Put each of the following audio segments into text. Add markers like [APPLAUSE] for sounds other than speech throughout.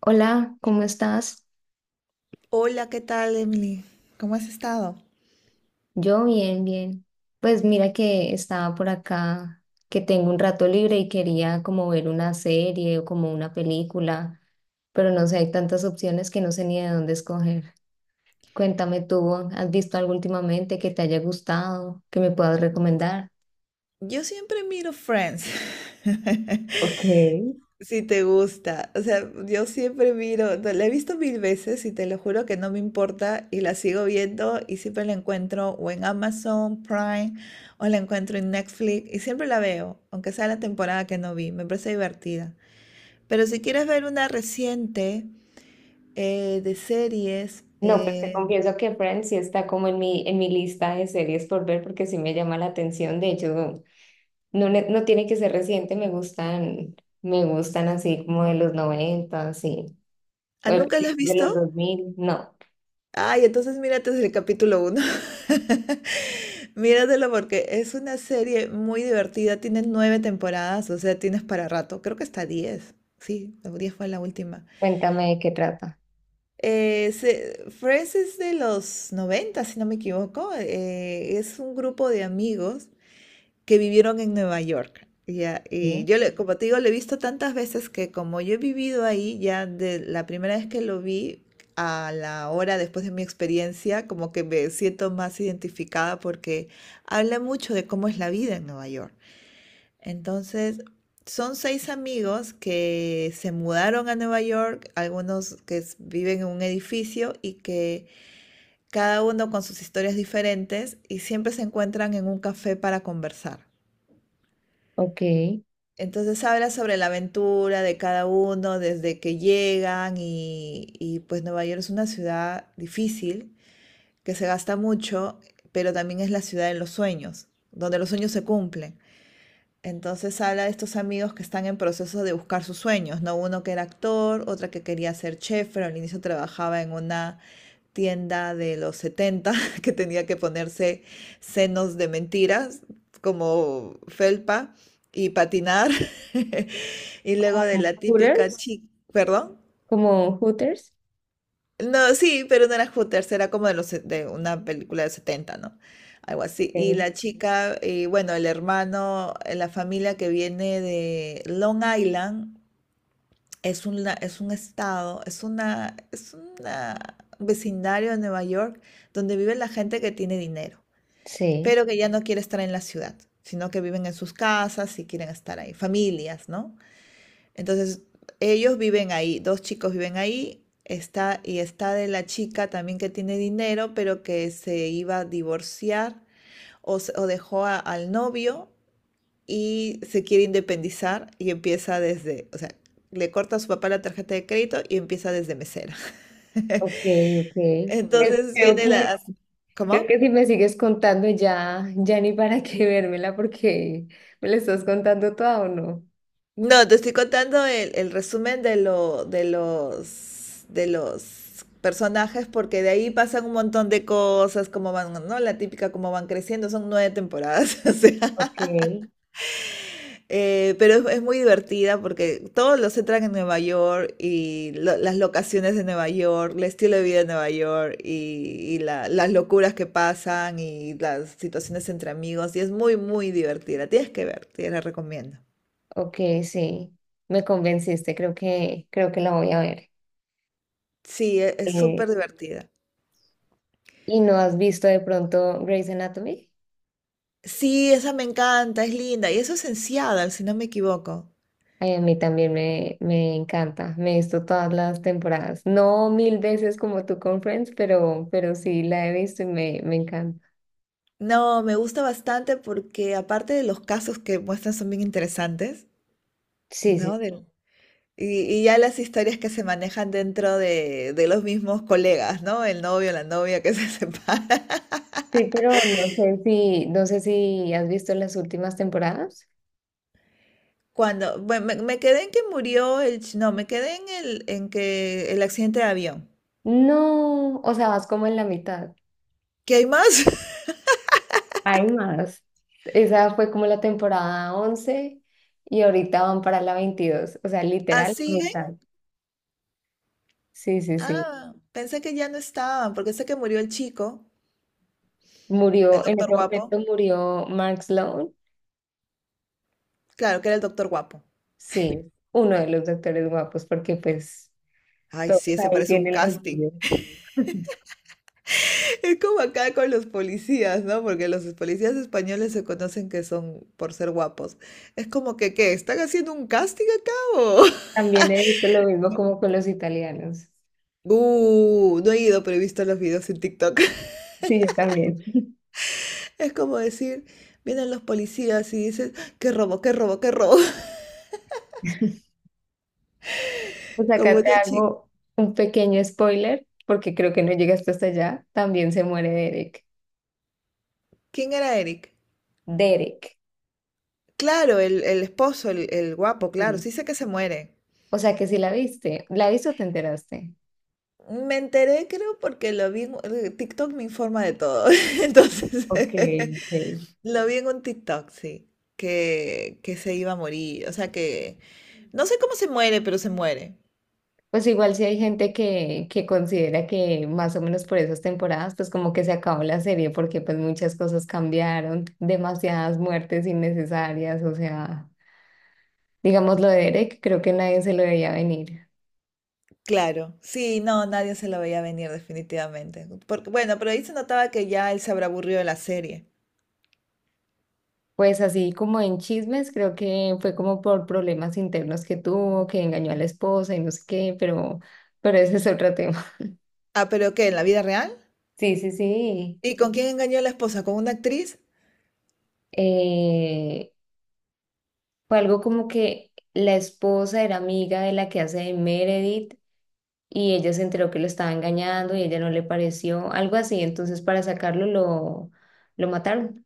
Hola, ¿cómo estás? Hola, ¿qué tal, Emily? ¿Cómo has estado? Yo bien, bien. Pues mira que estaba por acá, que tengo un rato libre y quería como ver una serie o como una película, pero no sé, hay tantas opciones que no sé ni de dónde escoger. Cuéntame tú, ¿has visto algo últimamente que te haya gustado, que me puedas recomendar? Yo siempre miro Friends, [LAUGHS] Ok. si te gusta. O sea, yo siempre miro, no, la he visto mil veces y te lo juro que no me importa y la sigo viendo y siempre la encuentro o en Amazon Prime o la encuentro en Netflix y siempre la veo, aunque sea la temporada que no vi, me parece divertida. Pero si quieres ver una reciente de series, No, pues te confieso que Friends sí está como en mi lista de series por ver porque sí me llama la atención. De hecho, no, no tiene que ser reciente, me gustan así como de los 90, así, o de ¿nunca la has de los visto? 2000 no. Ay, entonces mírate desde el capítulo uno. [LAUGHS] Míratelo porque es una serie muy divertida. Tiene nueve temporadas, o sea, tienes para rato. Creo que hasta 10. Sí, 10 fue la última. Cuéntame de qué trata. Friends es de los 90, si no me equivoco. Es un grupo de amigos que vivieron en Nueva York. Ya, y ¿Sí? yo, como te digo, lo he visto tantas veces que como yo he vivido ahí, ya de la primera vez que lo vi a la hora después de mi experiencia, como que me siento más identificada porque habla mucho de cómo es la vida en Nueva York. Entonces, son seis amigos que se mudaron a Nueva York, algunos que viven en un edificio y que cada uno con sus historias diferentes y siempre se encuentran en un café para conversar. Ok. Entonces habla sobre la aventura de cada uno desde que llegan pues Nueva York es una ciudad difícil, que se gasta mucho, pero también es la ciudad de los sueños, donde los sueños se cumplen. Entonces habla de estos amigos que están en proceso de buscar sus sueños, ¿no? Uno que era actor, otra que quería ser chef, pero al inicio trabajaba en una tienda de los 70, [LAUGHS] que tenía que ponerse senos de mentiras, como felpa, y patinar. [LAUGHS] Y luego Como de la típica Hooters. chica, perdón. ¿Como Hooters? No, sí, pero no era Hooters, era como de, los, de una película de 70, ¿no? Algo así. Y Ok. la chica, y bueno, el hermano, la familia que viene de Long Island, es un estado, es una- un vecindario de Nueva York donde vive la gente que tiene dinero, Sí. pero que ya no quiere estar en la ciudad, sino que viven en sus casas y quieren estar ahí, familias, ¿no? Entonces, ellos viven ahí, dos chicos viven ahí, está, y está de la chica también que tiene dinero, pero que se iba a divorciar o dejó al novio y se quiere independizar y empieza desde, o sea, le corta a su papá la tarjeta de crédito y empieza desde mesera. Ok, [LAUGHS] ok. Pues Entonces viene la... creo ¿Cómo? que si me sigues contando ya, ya ni para qué vérmela porque me la estás contando toda o no. No, te estoy contando el resumen de los personajes porque de ahí pasan un montón de cosas, como van, ¿no? La típica, como van creciendo, son nueve temporadas. [LAUGHS] O sea, Ok. Pero es muy divertida porque todos los centran en Nueva York y las locaciones de Nueva York, el estilo de vida de Nueva York y las locuras que pasan y las situaciones entre amigos. Y es muy, muy divertida. Tienes que ver, te la recomiendo. Ok, sí, me convenciste, creo que la voy a ver. Sí, es súper divertida. ¿Y no has visto de pronto Grey's Anatomy? Sí, esa me encanta, es linda. Y eso es en Seattle, si no me equivoco. Ay, a mí también me encanta. Me he visto todas las temporadas. No mil veces como tú con Friends, pero sí la he visto y me encanta. No, me gusta bastante porque aparte de los casos que muestran son bien interesantes, Sí, sí. ¿no? Y ya las historias que se manejan dentro de los mismos colegas, ¿no? El novio, la novia que se [LAUGHS] separa. Sí, pero no sé si, no sé si has visto las últimas temporadas. Cuando, bueno, me quedé en que murió no, me quedé en en que el accidente de avión. No, o sea, vas como en la mitad. ¿Qué hay más? [LAUGHS] Hay más. Esa fue como la temporada 11 y ahorita van para la 22. O sea, ¿Ah, literal, la siguen? mitad. Sí, sí, sí. Ah, pensé que ya no estaban, porque sé que murió el chico, el Murió, en doctor ese momento guapo. murió Max Lone, Claro, que era el doctor guapo. sí, uno de los doctores guapos, porque pues Ay, todos sí, ese ahí parece un tienen los casting. suyos. [LAUGHS] Es como acá con los policías, ¿no? Porque los policías españoles se conocen que son por ser guapos. Es como que, ¿qué? ¿Están haciendo un casting acá o...? También he visto lo mismo como [LAUGHS] con los italianos. No he ido, pero he visto los videos en TikTok. [LAUGHS] Sí, yo también. [LAUGHS] Es como decir, vienen los policías y dicen, qué robo, qué robo, qué robo. Pues [LAUGHS] Como acá te una chica. hago un pequeño spoiler, porque creo que no llegaste hasta allá. También se muere Derek. ¿Quién era Eric? Derek, Claro, el esposo, el guapo, claro. sí. Sí sé que se muere. O sea que sí la viste. ¿La viste o te enteraste? Me enteré, creo, porque lo vi. TikTok me informa de todo. [LAUGHS] Entonces, Ok, ok. [LAUGHS] lo vi en un TikTok, sí, que se iba a morir, o sea que no sé cómo se muere, pero se muere. Pues igual si hay gente que considera que más o menos por esas temporadas, pues como que se acabó la serie porque pues muchas cosas cambiaron, demasiadas muertes innecesarias, o sea, digamos lo de Derek, creo que nadie se lo veía venir. Claro, sí, no, nadie se lo veía venir definitivamente. Porque, bueno, pero ahí se notaba que ya él se habrá aburrido de la serie. Pues así como en chismes, creo que fue como por problemas internos que tuvo, que engañó a la esposa y no sé qué, pero ese es otro tema. [LAUGHS] Ah, pero ¿qué? ¿En la vida real? Sí, sí, sí. ¿Y con quién engañó a la esposa? ¿Con una actriz? Eh, fue algo como que la esposa era amiga de la que hace de Meredith y ella se enteró que lo estaba engañando y ella no le pareció, algo así. Entonces, para sacarlo, lo mataron.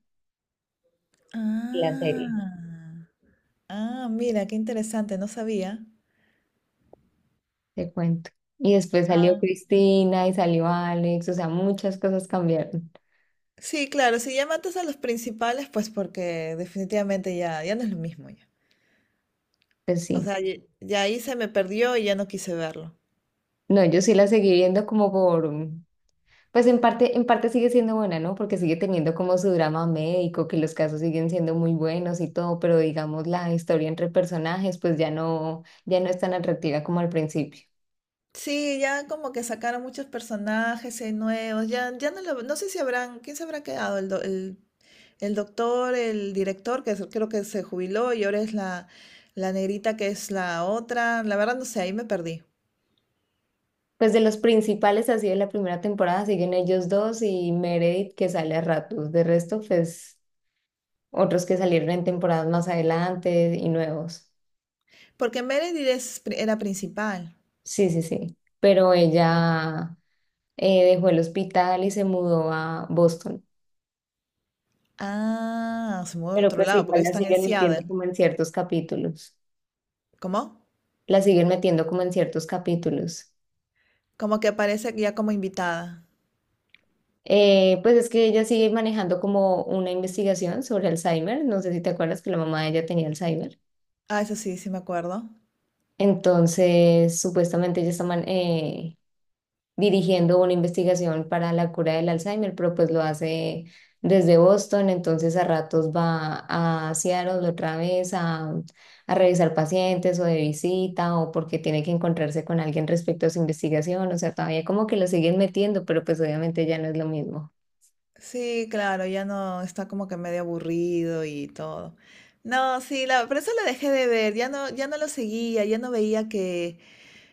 La serie, Ah, ah, mira, qué interesante, no sabía. te cuento. Y después salió Ah. Cristina y salió Alex, o sea, muchas cosas cambiaron. Sí, claro, si ya matas a los principales, pues porque definitivamente ya no es lo mismo. Pues O sí. sea, y ahí se me perdió y ya no quise verlo. No, yo sí la seguí viendo como por, mm, pues en parte sigue siendo buena, ¿no? Porque sigue teniendo como su drama médico, que los casos siguen siendo muy buenos y todo, pero digamos la historia entre personajes, pues ya no, ya no es tan atractiva como al principio. Sí, ya como que sacaron muchos personajes nuevos, ya no sé si habrán, ¿quién se habrá quedado? El doctor, el director, creo que se jubiló y ahora es la negrita que es la otra. La verdad no sé, ahí me perdí. Pues de los principales así de la primera temporada siguen ellos dos y Meredith que sale a ratos. De resto, pues otros que salieron en temporadas más adelante y nuevos. Porque Meredith era principal. Sí, sí, sí. Pero ella dejó el hospital y se mudó a Boston. Ah, se mudó a Pero otro pues lado, porque igual la están en siguen metiendo Seattle. como en ciertos capítulos. ¿Cómo? La siguen metiendo como en ciertos capítulos. Como que aparece ya como invitada. Pues es que ella sigue manejando como una investigación sobre Alzheimer. No sé si te acuerdas que la mamá de ella tenía Alzheimer. Ah, eso sí, sí me acuerdo. Entonces, supuestamente ella está dirigiendo una investigación para la cura del Alzheimer, pero pues lo hace desde Boston, entonces a ratos va a Seattle otra vez a revisar pacientes o de visita o porque tiene que encontrarse con alguien respecto a su investigación, o sea, todavía como que lo siguen metiendo, pero pues obviamente ya no es lo mismo. Sí, claro, ya no está como que medio aburrido y todo. No, sí, la, por eso la dejé de ver, ya no lo seguía, ya no veía que,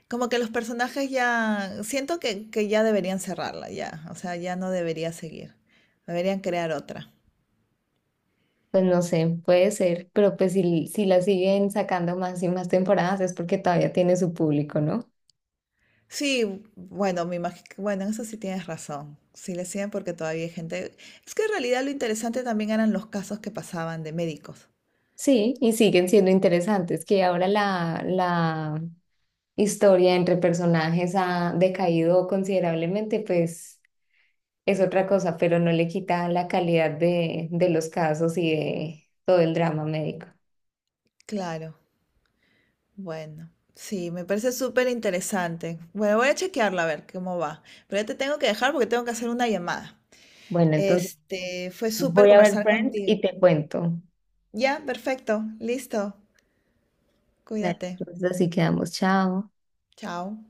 como que los personajes ya, siento que ya deberían cerrarla, ya, o sea, ya no debería seguir, deberían crear otra. Pues no sé, puede ser, pero pues si, si la siguen sacando más y más temporadas es porque todavía tiene su público, ¿no? Sí, bueno, me imagino, bueno, en eso sí tienes razón, sí le siguen porque todavía hay gente, es que en realidad lo interesante también eran los casos que pasaban de médicos, Sí, y siguen siendo interesantes, que ahora la historia entre personajes ha decaído considerablemente, pues es otra cosa, pero no le quita la calidad de los casos y de todo el drama médico. claro. Bueno, sí, me parece súper interesante. Bueno, voy a chequearlo a ver cómo va. Pero ya te tengo que dejar porque tengo que hacer una llamada. Bueno, entonces Este, fue súper voy a ver conversar Friends contigo. y te cuento. Ya, perfecto, listo. Dale, Cuídate. entonces así quedamos, chao. Chao.